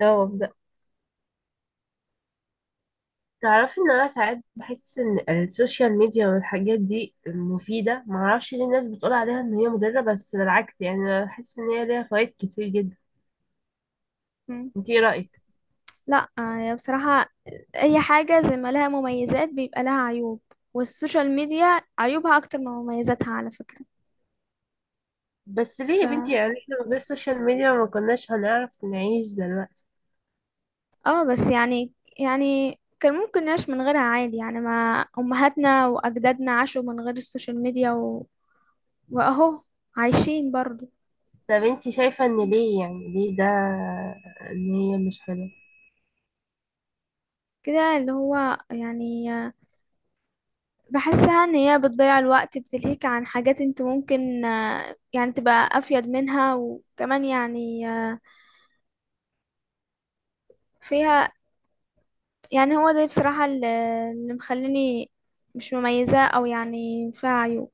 اه ببدأ. تعرفي ان انا ساعات بحس ان السوشيال ميديا والحاجات دي مفيدة، معرفش ليه الناس بتقول عليها ان هي مضرة، بس بالعكس يعني انا بحس ان هي ليها فوائد كتير جدا. مم. انتي ايه رأيك؟ لا، بصراحة، أي حاجة زي ما لها مميزات بيبقى لها عيوب. والسوشيال ميديا عيوبها أكتر من مميزاتها على فكرة. بس ليه ف يا بنتي؟ يعني احنا من غير السوشيال ميديا ما كناش هنعرف نعيش دلوقتي. اه، بس، يعني كان ممكن نعيش من غيرها عادي. يعني ما امهاتنا واجدادنا عاشوا من غير السوشيال ميديا واهو عايشين برضو. طب انتي شايفة ان ليه، يعني ليه ده؟ ان هي مش حلوة؟ كده اللي هو يعني، بحسها ان هي بتضيع الوقت، بتلهيك عن حاجات انت ممكن، يعني تبقى افيد منها، وكمان يعني، فيها. يعني هو ده بصراحة، اللي مخليني مش مميزة، او يعني فيها عيوب.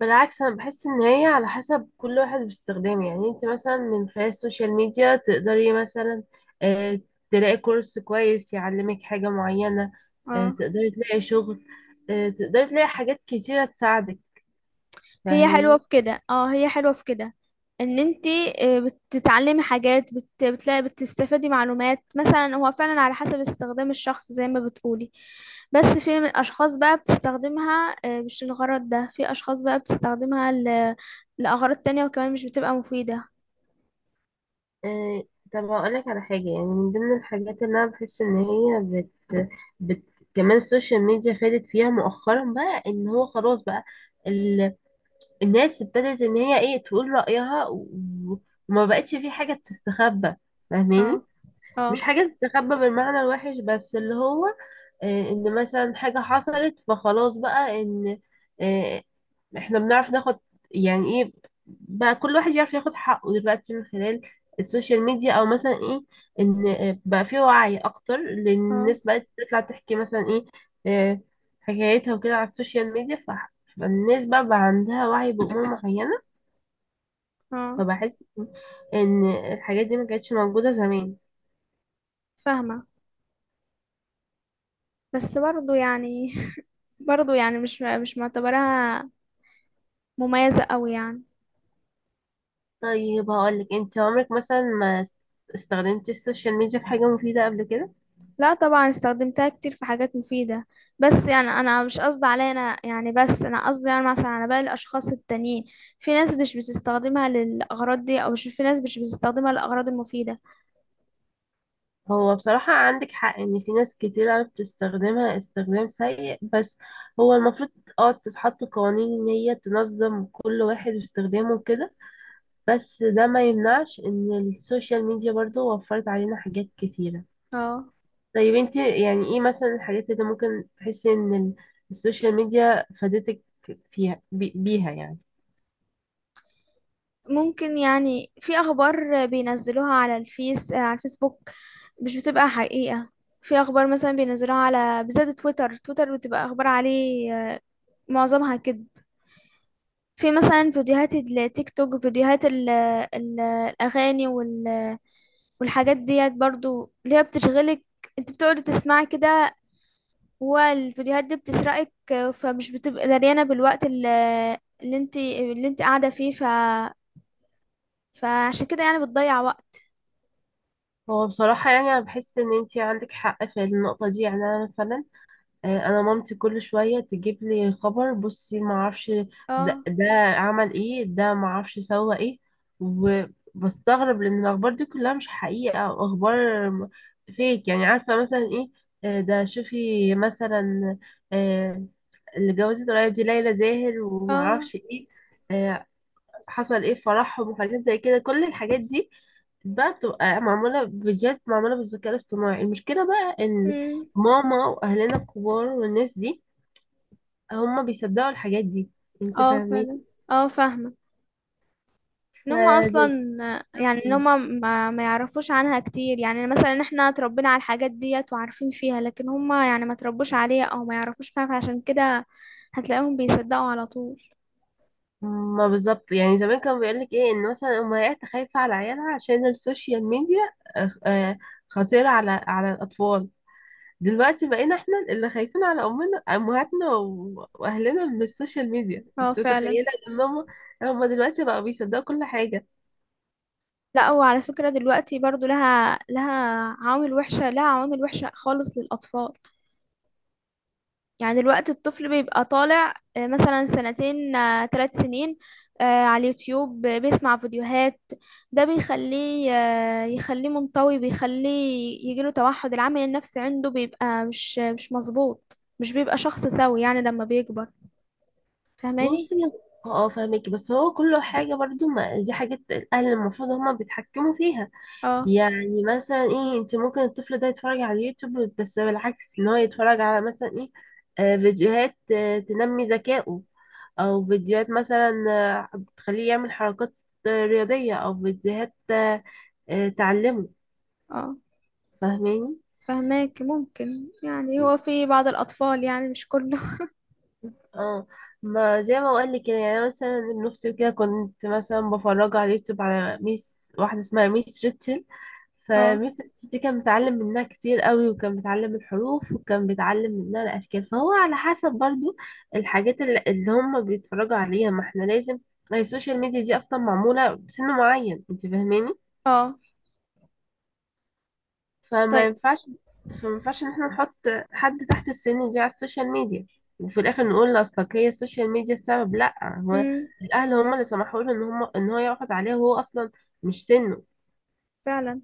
بالعكس، انا بحس ان هي على حسب كل واحد باستخدامه. يعني انت مثلا من خلال السوشيال ميديا تقدري مثلا آه، تلاقي كورس كويس يعلمك حاجة معينة. اه، تقدري تلاقي شغل. تقدري تلاقي حاجات كتيرة تساعدك، هي حلوة فاهمين؟ في كده. اه، هي حلوة في كده. ان انتي، آه، بتتعلمي حاجات بتلاقي بتستفادي معلومات. مثلا هو فعلا على حسب استخدام الشخص زي ما بتقولي. بس في من اشخاص بقى بتستخدمها، مش الغرض ده. في اشخاص بقى بتستخدمها لأغراض تانية، وكمان مش بتبقى مفيدة. طب هقولك على حاجة. يعني من ضمن الحاجات اللي انا بحس ان هي بت... كمان السوشيال ميديا فادت فيها مؤخرا، بقى ان هو خلاص بقى الناس ابتدت ان هي ايه تقول رأيها و- وما بقتش في حاجة بتستخبى، اه، فاهماني؟ مش اه، حاجة تستخبى بالمعنى الوحش، بس اللي هو ان مثلا حاجة حصلت فخلاص بقى ان آه، احنا بنعرف ناخد، يعني ايه، بقى كل واحد يعرف ياخد حقه دلوقتي من خلال السوشيال ميديا. او مثلا ايه، ان بقى في وعي اكتر لان اه، الناس بقت تطلع تحكي مثلا ايه آه، حكايتها وكده على السوشيال ميديا. فالناس بقى عندها وعي بأمور معينة. اه، فبحس ان الحاجات دي ما كانتش موجودة زمان. فاهمة. بس برضو يعني برضو يعني، مش معتبراها مميزة قوي يعني. طيب هقولك، انت عمرك مثلا ما استخدمتي السوشيال ميديا في حاجة مفيدة قبل كده؟ لا، طبعا استخدمتها كتير في حاجات مفيدة. بس يعني انا مش قصدي عليا انا، يعني بس انا قصدي يعني، مثلا على باقي الاشخاص التانيين. في ناس مش بتستخدمها للاغراض دي. او مش، في ناس مش بتستخدمها للاغراض المفيدة. هو بصراحة عندك حق إن في ناس كتير عرفت تستخدمها استخدام سيء، بس هو المفروض اه تتحط قوانين إن هي تنظم كل واحد واستخدامه كده. بس ده ما يمنعش إن السوشيال ميديا برضو وفرت علينا حاجات كتيرة. اه. طيب انت يعني ايه مثلا الحاجات اللي ممكن تحسي إن السوشيال ميديا فادتك فيها، بيها يعني؟ ممكن، يعني في اخبار بينزلوها على الفيس آه، على الفيسبوك مش بتبقى حقيقة. في اخبار مثلا بينزلوها على، بالذات تويتر، تويتر بتبقى اخبار عليه، معظمها كده. في مثلا فيديوهات التيك توك، فيديوهات الاغاني والحاجات ديت برضو اللي هي بتشغلك، انت بتقعدي تسمعي كده. والفيديوهات دي بتسرقك، فمش بتبقى دريانة بالوقت اللي انت اللي انت قاعدة فيه. فعشان كده يعني بتضيع وقت. هو بصراحة يعني أنا بحس إن انت عندك حق في النقطة دي. يعني أنا مثلا انا مامتي كل شويه تجيب لي خبر، بصي ما اعرفش ده, اه. ده عمل ايه، ده ما اعرفش سوى ايه. وبستغرب لان الاخبار دي كلها مش حقيقه، او اخبار فيك، يعني عارفه مثلا ايه، ده شوفي مثلا آه، اللي جوزت قريب دي ليلى زاهر وما اه. اعرفش ايه آه، حصل ايه في فرحهم، وحاجات زي كده. كل الحاجات دي بقى بتبقى معمولة فيديوهات، معمولة بالذكاء الاصطناعي. المشكلة بقى ان امم. ماما واهلنا الكبار والناس دي هم بيصدقوا الحاجات دي، انت اه، فاهمين؟ فعلا. اه، فاهمة. ان هما اصلا، فزي يعني ان هما ما يعرفوش عنها كتير. يعني مثلا احنا اتربينا على الحاجات ديت وعارفين فيها، لكن هما يعني ما تربوش عليها او ما يعرفوش فيها، فعشان كده هتلاقيهم بيصدقوا على طول. ما، بالظبط. يعني زمان كانوا بيقولك ايه، ان مثلا امهات خايفة على عيالها عشان السوشيال ميديا آه، آه، خطيرة على الاطفال. دلوقتي بقينا احنا اللي خايفين على امهاتنا واهلنا من السوشيال ميديا. اه، انت فعلا. متخيله ان هم دلوقتي بقوا بيصدقوا كل حاجه؟ لا، هو على فكرة دلوقتي برضو لها عوامل وحشة. لها عوامل وحشة خالص للأطفال. يعني دلوقتي الطفل بيبقى طالع، مثلا سنتين، 3 سنين، على اليوتيوب، بيسمع فيديوهات. ده بيخليه، يخليه منطوي، بيخليه يجيله توحد. العامل النفسي عنده بيبقى مش مظبوط، مش بيبقى شخص سوي يعني لما بيكبر، فاهماني؟ بصي، اه فاهمك. بس هو كل حاجه برضو، ما دي حاجات الاهل المفروض هم بيتحكموا فيها. اه. يعني مثلا ايه، انت ممكن الطفل ده يتفرج على اليوتيوب، بس بالعكس ان هو يتفرج على مثلا ايه فيديوهات تنمي ذكائه، او فيديوهات مثلا بتخليه يعمل حركات رياضية، او فيديوهات تعلمه، اه، فاهماني؟ فهماك. ممكن، يعني هو في بعض الأطفال، يعني مش كله. اه، ما زي ما بقول لك كده. يعني أنا مثلا ابن اختي كده كنت مثلا بفرجه على اليوتيوب على ميس واحده اسمها ميس ريتشل. اه. فميس ريتشل دي كان بيتعلم منها كتير قوي، وكان بيتعلم الحروف، وكان بيتعلم منها الاشكال. فهو على حسب برضو الحاجات اللي هم بيتفرجوا عليها. ما احنا لازم، ما هي السوشيال ميديا دي اصلا معموله بسن معين، انت فاهماني؟ اه. فما طيب. ينفعش فما ينفعش ان احنا نحط حد تحت السن دي على السوشيال ميديا، وفي الاخر نقول اصلك هي السوشيال ميديا السبب. لا، هو امم. الاهل هم اللي سمحوا له ان هم ان هو يقعد عليها، وهو اصلا مش سنه. فعلا.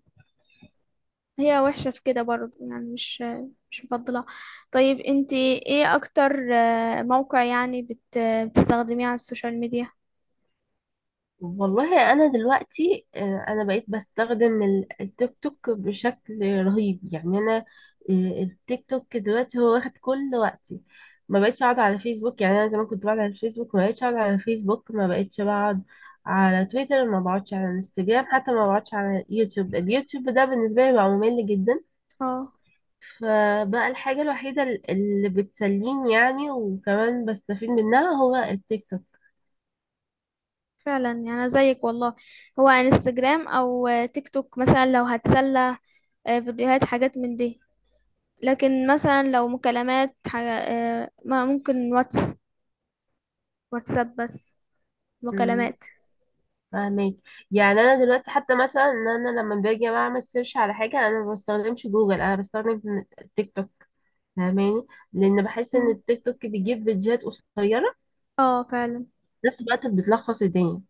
هي وحشة في كده برضه، يعني مش مفضلة. طيب، انت ايه اكتر موقع يعني بتستخدميه على السوشيال ميديا؟ والله انا دلوقتي انا بقيت بستخدم التيك توك بشكل رهيب. يعني انا التيك توك دلوقتي هو واخد كل وقتي. ما بقيتش اقعد على فيسبوك. يعني انا زمان كنت بقعد على الفيسبوك، ما بقيتش اقعد على فيسبوك ما بقيتش بقعد على تويتر، ما بقعدش على انستجرام، حتى ما بقعدش على يوتيوب. اليوتيوب ده بالنسبه لي بقى ممل جدا. اه، فبقى الحاجه الوحيده اللي بتسليني يعني، وكمان بستفيد منها، هو التيك فعلا. يعني أنا زيك والله. هو انستجرام او، تيك توك مثلا، لو هتسلى فيديوهات حاجات من دي. لكن مثلا لو مكالمات حاجة، ما ممكن واتساب بس، توك. مكالمات. فاهمك؟ يعني انا دلوقتي حتى مثلا ان انا لما باجي اعمل سيرش على حاجه، انا ما بستخدمش جوجل، انا بستخدم تيك توك، فاهماني؟ لان بحس ان مم. التيك توك بيجيب فيديوهات قصيره، اه، فعلا. في نفس الوقت بتلخص الدنيا.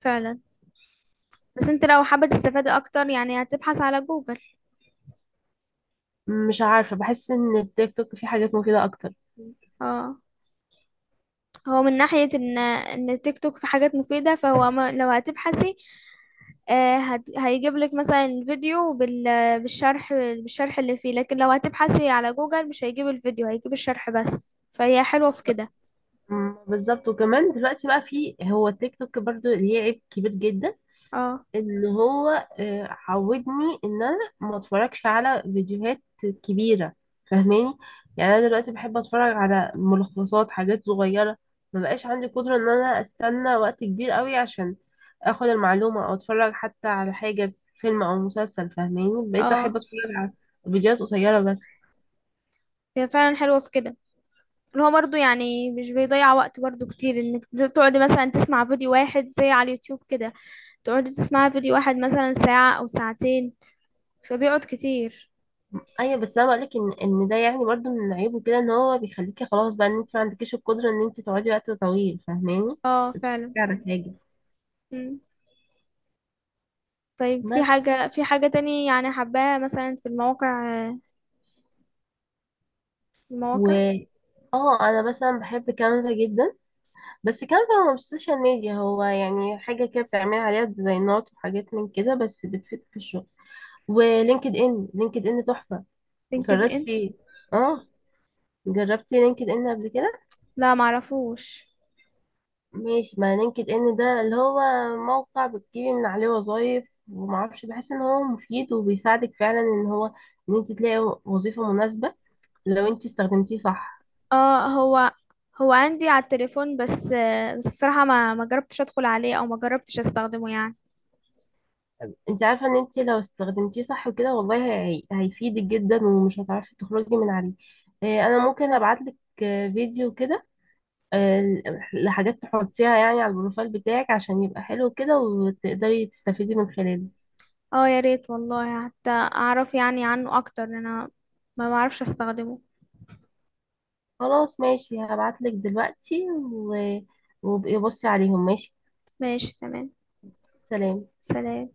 فعلا، بس انت لو حابة تستفادي اكتر يعني هتبحث على جوجل. مش عارفه، بحس ان التيك توك فيه حاجات مفيده اكتر. اه، هو من ناحية إن التيك توك في حاجات مفيدة، فهو ما لو هتبحثي، هيجيب لك مثلا فيديو بالشرح، بالشرح اللي فيه. لكن لو هتبحثي على جوجل مش هيجيب الفيديو، هيجيب الشرح بس. فهي حلوة في كده. بالظبط. وكمان دلوقتي بقى فيه، هو التيك توك برضو ليه عيب كبير جدا، اه. ان هو عودني ان انا ما اتفرجش على فيديوهات كبيره، فاهماني؟ يعني انا دلوقتي بحب اتفرج على ملخصات حاجات صغيره. ما بقاش عندي قدره ان انا استنى وقت كبير قوي عشان اخد المعلومه، او اتفرج حتى على حاجه فيلم او مسلسل، فاهماني؟ بقيت احب اه. اتفرج على فيديوهات قصيره بس. هي فعلا حلوة في كده. اللي هو برضه، يعني مش بيضيع وقت برضه كتير، إنك تقعدي مثلا تسمع فيديو واحد زي على اليوتيوب كده. تقعدي تسمعي فيديو واحد مثلا ساعة أو ساعتين، فبيقعد كتير. ايوه، بس انا بقولك ان ده يعني برضو من عيبه كده، ان هو بيخليكي خلاص بقى ان انت ما عندكيش القدره ان انت تقعدي وقت طويل، فاهماني؟ اه، بتتفرجي فعلا. على حاجه. طيب، في بس حاجة، تاني يعني حباها مثلا في المواقع. و المواقع. اه انا مثلا بحب كانفا جدا. بس كانفا هو مش سوشيال ميديا، هو يعني حاجه كده بتعمل عليها ديزاينات وحاجات من كده، بس بتفيد في الشغل. ولينكد ان، لينكد ان تحفه. لينكد ان؟ جربتي؟ اه، جربتي لينكد ان قبل كده؟ لا، معرفوش. ماشي. ما لينكد ان ده اللي هو موقع بتجيبي من عليه وظايف، ومعرفش بحس ان هو مفيد، وبيساعدك فعلا ان هو، انت تلاقي وظيفه مناسبه، لو انت استخدمتيه صح. اه، هو عندي على التليفون بس. بس بصراحة ما جربتش ادخل عليه او ما جربتش استخدمه يعني. انت عارفه ان انت لو استخدمتيه صح وكده والله هيفيدك جدا، ومش هتعرفي تخرجي من عليه. اه، انا ممكن ابعت لك فيديو كده، اه، لحاجات تحطيها يعني على البروفايل بتاعك، عشان يبقى حلو كده وتقدري تستفيدي من خلاله. اه، يا ريت والله حتى اعرف يعني عنه اكتر، لأن انا ما بعرفش استخدمه. خلاص ماشي، هبعت لك دلوقتي وابقي بصي عليهم، ماشي. ماشي، تمام. سلام. سلام.